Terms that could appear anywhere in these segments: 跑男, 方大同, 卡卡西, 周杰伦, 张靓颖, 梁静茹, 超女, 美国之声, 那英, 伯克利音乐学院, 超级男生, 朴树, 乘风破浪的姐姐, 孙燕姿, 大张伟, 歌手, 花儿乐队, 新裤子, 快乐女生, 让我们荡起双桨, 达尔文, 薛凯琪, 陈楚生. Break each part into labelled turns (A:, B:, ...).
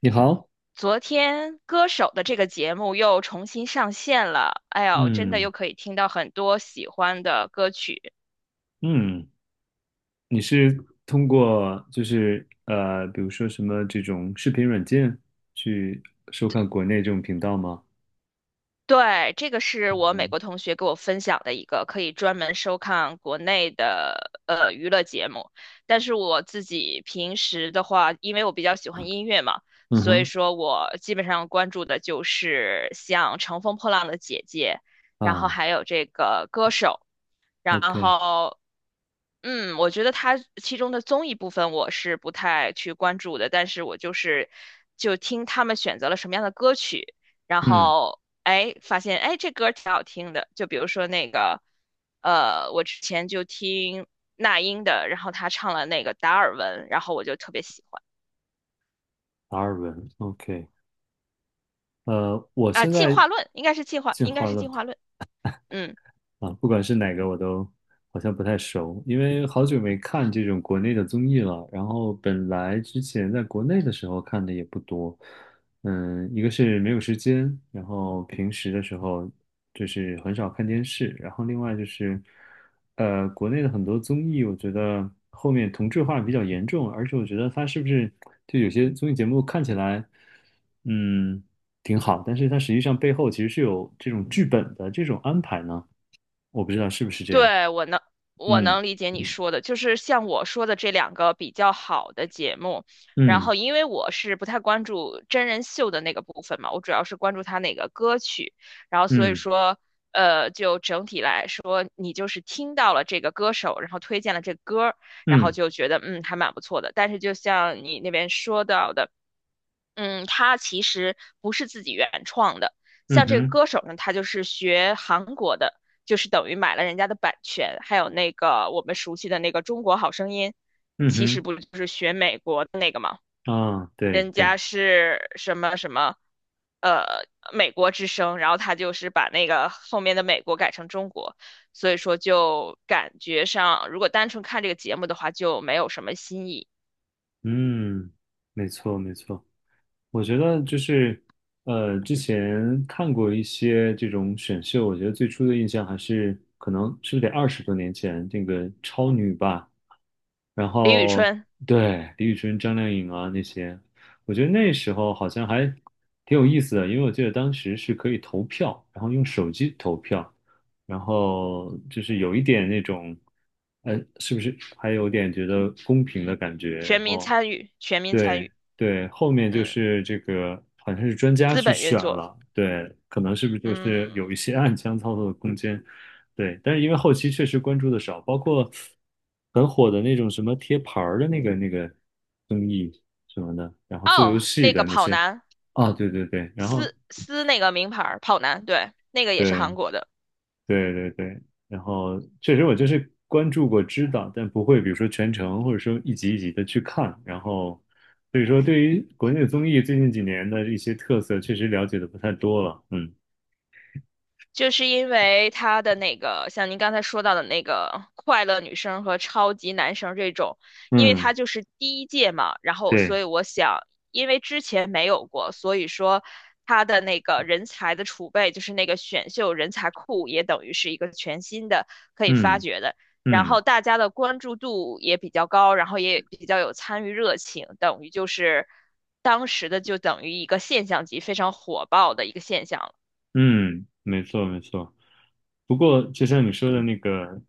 A: 你好。
B: 昨天《歌手》的这个节目又重新上线了，哎呦，真的
A: 嗯。
B: 又可以听到很多喜欢的歌曲。
A: 嗯，你是通过比如说什么这种视频软件去收看国内这种频道吗？
B: 对，这个是我美国同学给我分享的一个可以专门收看国内的娱乐节目，但是我自己平时的话，因为我比较喜欢音乐嘛，
A: 嗯
B: 所以
A: 哼。
B: 说我基本上关注的就是像《乘风破浪的姐姐》，然后
A: 啊
B: 还有这个《歌手》。然
A: ，OK。
B: 后嗯，我觉得它其中的综艺部分我是不太去关注的，但是我就是就听他们选择了什么样的歌曲，然
A: 嗯。
B: 后哎发现哎这歌儿挺好听的，就比如说那个我之前就听那英的，然后她唱了那个达尔文，然后我就特别喜欢
A: 达尔文，OK。我
B: 啊
A: 现
B: 进
A: 在
B: 化论应该是
A: 进化论。
B: 进化论，嗯。
A: 啊，不管是哪个我都好像不太熟，因为好久没看这种国内的综艺了。然后本来之前在国内的时候看的也不多。嗯，一个是没有时间，然后平时的时候就是很少看电视，然后另外就是，国内的很多综艺，我觉得后面同质化比较严重，而且我觉得它是不是就有些综艺节目看起来，嗯，挺好，但是它实际上背后其实是有这种剧本的这种安排呢，我不知道是不是这样。
B: 对，我
A: 嗯
B: 能理解你说的，就是像我说的这两个比较好的节目，然
A: 嗯。
B: 后因为我是不太关注真人秀的那个部分嘛，我主要是关注他那个歌曲，然后所以
A: 嗯。
B: 说，就整体来说，你就是听到了这个歌手，然后推荐了这个歌儿，然后
A: 嗯。
B: 就觉得嗯还蛮不错的。但是就像你那边说到的。嗯，他其实不是自己原创的。
A: 嗯
B: 像这个
A: 哼。
B: 歌手呢，他就是学韩国的，就是等于买了人家的版权，还有那个我们熟悉的那个《中国好声音》，
A: 嗯
B: 其实
A: 哼。
B: 不就是学美国的那个吗？
A: 啊，对
B: 人
A: 对。
B: 家是什么什么，呃，美国之声，然后他就是把那个后面的美国改成中国，所以说就感觉上，如果单纯看这个节目的话，就没有什么新意。
A: 嗯，没错没错。我觉得之前看过一些这种选秀，我觉得最初的印象还是可能是不是得二十多年前这个超女吧。然
B: 李宇
A: 后
B: 春，
A: 对，李宇春、张靓颖啊那些，我觉得那时候好像还挺有意思的，因为我记得当时是可以投票，然后用手机投票，然后就是有一点那种，是不是还有点觉得公平的感觉？
B: 全
A: 然
B: 民
A: 后
B: 参与，全民参
A: 对
B: 与，
A: 对，后面就
B: 嗯。
A: 是这个，好像是专家
B: 资
A: 去
B: 本运
A: 选
B: 作。
A: 了。对，可能是不是就是有
B: 嗯，
A: 一些暗箱操作的空间。对，但是因为后期确实关注的少，包括很火的那种什么贴牌儿的那个综艺什么的，然后做游
B: 哦，
A: 戏
B: 那个
A: 的那
B: 跑
A: 些。
B: 男，
A: 啊，对对对。然后
B: 撕那个名牌儿跑男，对，那个也是
A: 对
B: 韩国的。
A: 对对对，然后确实我就是关注过、知道，但不会比如说全程或者说一集一集的去看。然后，所以说对于国内的综艺最近几年的一些特色，确实了解的不太多了。嗯。
B: 就是因为他的那个，像您刚才说到的那个快乐女生和超级男生这种，因为
A: 嗯，
B: 他就是第一届嘛，然后所
A: 对。
B: 以我想，因为之前没有过，所以说他的那个人才的储备，就是那个选秀人才库，也等于是一个全新的可以发
A: 嗯。
B: 掘的。然后
A: 嗯。
B: 大家的关注度也比较高，然后也比较有参与热情，等于就是当时的就等于一个现象级，非常火爆的一个现象。
A: 嗯，没错没错。不过，就像你说的那个，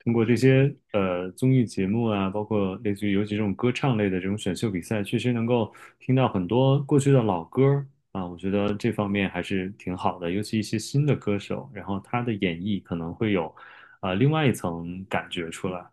A: 通过这些综艺节目啊，包括类似于尤其这种歌唱类的这种选秀比赛，确实能够听到很多过去的老歌儿啊，我觉得这方面还是挺好的。尤其一些新的歌手，然后他的演绎可能会有另外一层感觉出来。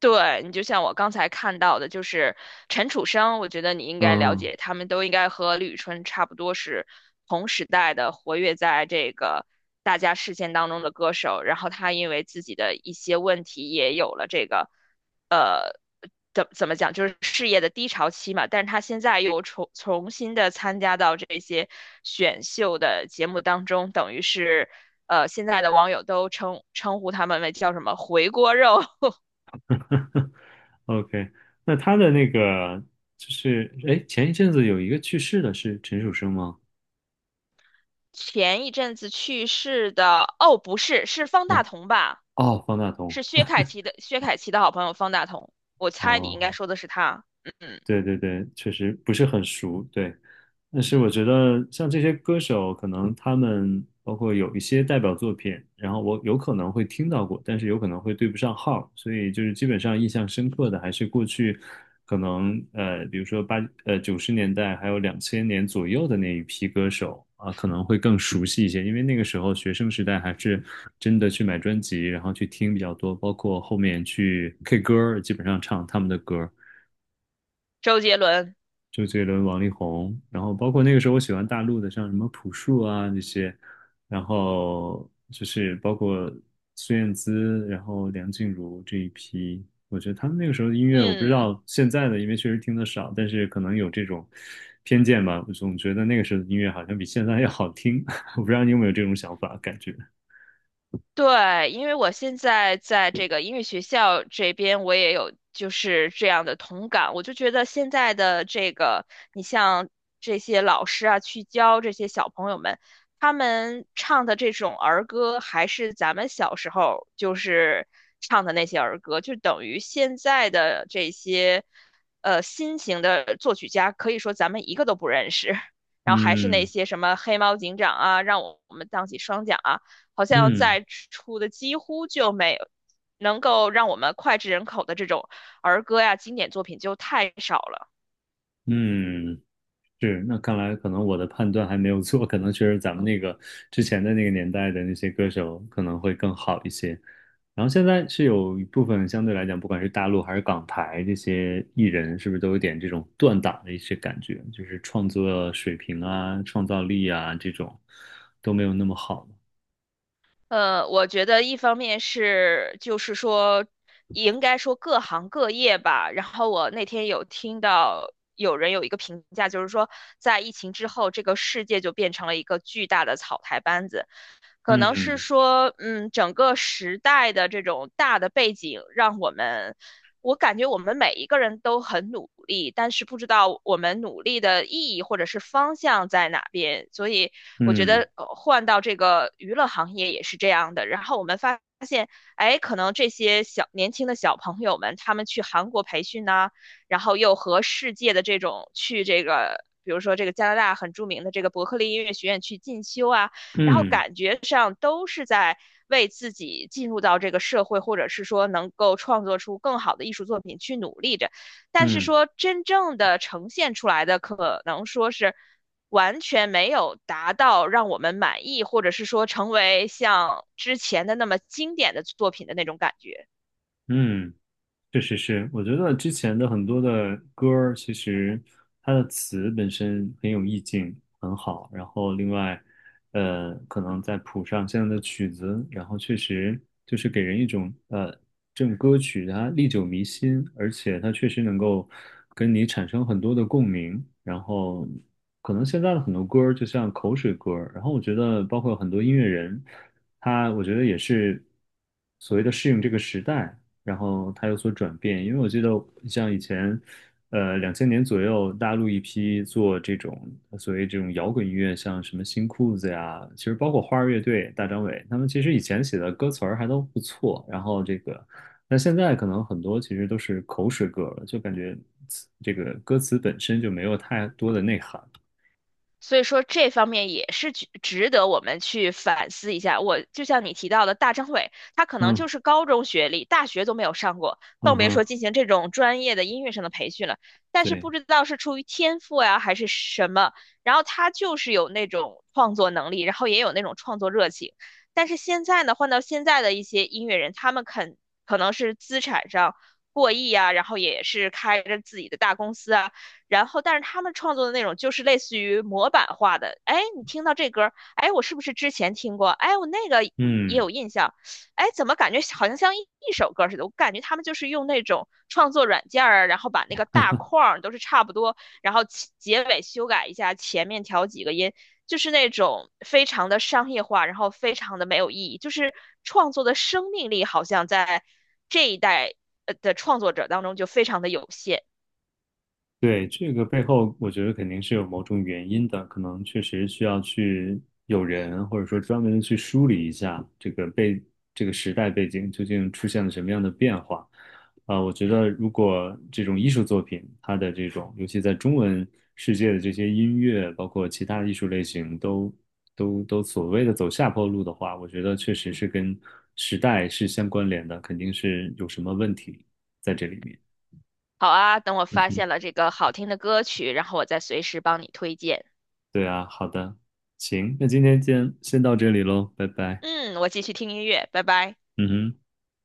B: 对，你就像我刚才看到的，就是陈楚生，我觉得你应该了
A: 嗯
B: 解，他们都应该和李宇春差不多是同时代的，活跃在这个大家视线当中的歌手。然后他因为自己的一些问题，也有了这个，呃，怎么讲，就是事业的低潮期嘛。但是他现在又重新参加到这些选秀的节目当中，等于是。现在的网友都称呼他们为叫什么"回锅肉"，
A: ，OK。那他的那个就是，哎，前一阵子有一个去世的是陈楚生吗？
B: 前一阵子去世的，哦，不是，是方大
A: 啊，
B: 同吧？
A: 哦，方大同。
B: 是薛凯琪的，薛凯琪的好朋友方大同。我猜你应该
A: 哦，
B: 说的是他。嗯，嗯
A: 对对对，确实不是很熟，对。但是我觉得像这些歌手，可能他们包括有一些代表作品，然后我有可能会听到过，但是有可能会对不上号，所以就是基本上印象深刻的还是过去可能比如说九十年代还有两千年左右的那一批歌手啊，可能会更熟悉一些，因为那个时候学生时代还是真的去买专辑，然后去听比较多，包括后面去 K 歌儿，基本上唱他们的歌。
B: 周杰伦。
A: 周杰伦、王力宏，然后包括那个时候我喜欢大陆的，像什么朴树啊那些，然后就是包括孙燕姿，然后梁静茹这一批，我觉得他们那个时候的音乐，我不知
B: 嗯。
A: 道现在的，因为确实听得少，但是可能有这种偏见吧，我总觉得那个时候的音乐好像比现在要好听。我不知道你有没有这种想法感觉？
B: 对，因为我现在在这个音乐学校这边，我也有就是这样的同感。我就觉得现在的这个，你像这些老师啊，去教这些小朋友们，他们唱的这种儿歌，还是咱们小时候就是唱的那些儿歌，就等于现在的这些新型的作曲家，可以说咱们一个都不认识。然后还是那
A: 嗯。
B: 些什么黑猫警长啊，让我们荡起双桨啊。好像
A: 嗯。
B: 在出的几乎就没有能够让我们脍炙人口的这种儿歌呀、经典作品就太少了。
A: 嗯。是，那看来可能我的判断还没有错，可能确实咱们那个之前的那个年代的那些歌手可能会更好一些。然后现在是有一部分相对来讲，不管是大陆还是港台这些艺人，是不是都有点这种断档的一些感觉，就是创作水平啊、创造力啊这种都没有那么好了。
B: 我觉得一方面是就是说，应该说各行各业吧。然后我那天有听到有人有一个评价，就是说在疫情之后，这个世界就变成了一个巨大的草台班子。可能是
A: 嗯。
B: 说，嗯，整个时代的这种大的背景，让我们，我感觉我们每一个人都很努力，但是不知道我们努力的意义或者是方向在哪边。所以我觉
A: 嗯。
B: 得换到这个娱乐行业也是这样的。然后我们发现，哎，可能这些小年轻的小朋友们，他们去韩国培训呐、然后又和世界的这种去这个。比如说，这个加拿大很著名的这个伯克利音乐学院去进修啊，然后
A: 嗯。
B: 感觉上都是在为自己进入到这个社会，或者是说能够创作出更好的艺术作品去努力着，但是
A: 嗯。
B: 说真正的呈现出来的，可能说是完全没有达到让我们满意，或者是说成为像之前的那么经典的作品的那种感觉。
A: 嗯。嗯。确实是，我觉得之前的很多的歌儿，其实它的词本身很有意境，很好。然后另外，可能再谱上现在的曲子，然后确实就是给人一种,这种歌曲它历久弥新，而且它确实能够跟你产生很多的共鸣。然后可能现在的很多歌儿就像口水歌儿，然后我觉得包括很多音乐人，他我觉得也是所谓的适应这个时代。然后它有所转变。因为我记得像以前，两千年左右，大陆一批做这种所谓这种摇滚音乐，像什么新裤子呀，其实包括花儿乐队、大张伟，他们其实以前写的歌词儿还都不错。然后这个，那现在可能很多其实都是口水歌了，就感觉词这个歌词本身就没有太多的内涵。
B: 所以说这方面也是值得我们去反思一下。我就像你提到的，大张伟，他可能就
A: 嗯。
B: 是高中学历，大学都没有上过，
A: 嗯
B: 更别
A: 哼。
B: 说进行这种专业的音乐上的培训了。但是
A: 对。
B: 不知道是出于天赋呀，还是什么，然后他就是有那种创作能力，然后也有那种创作热情。但是现在呢，换到现在的一些音乐人，他们肯可能是资产上过亿啊，然后也是开着自己的大公司啊。然后，但是他们创作的内容就是类似于模板化的。哎，你听到这歌哎，我是不是之前听过？哎，我那个也
A: 嗯。
B: 有印象。哎，怎么感觉好像像一首歌似的？我感觉他们就是用那种创作软件儿，然后把那个大框儿都是差不多，然后其结尾修改一下，前面调几个音，就是那种非常的商业化，然后非常的没有意义。就是创作的生命力好像在这一代的创作者当中就非常的有限。
A: 对，这个背后，我觉得肯定是有某种原因的，可能确实需要去有人，或者说专门的去梳理一下这个这个时代背景究竟出现了什么样的变化。啊、我觉得如果这种艺术作品，它的这种，尤其在中文世界的这些音乐，包括其他的艺术类型都所谓的走下坡路的话，我觉得确实是跟时代是相关联的，肯定是有什么问题在这里面。
B: 好啊，等我发现了这个好听的歌曲，然后我再随时帮你推荐。
A: 对啊，好的。行，那今天先到这里喽，拜拜。
B: 嗯，我继续听音乐，拜拜。
A: 嗯哼。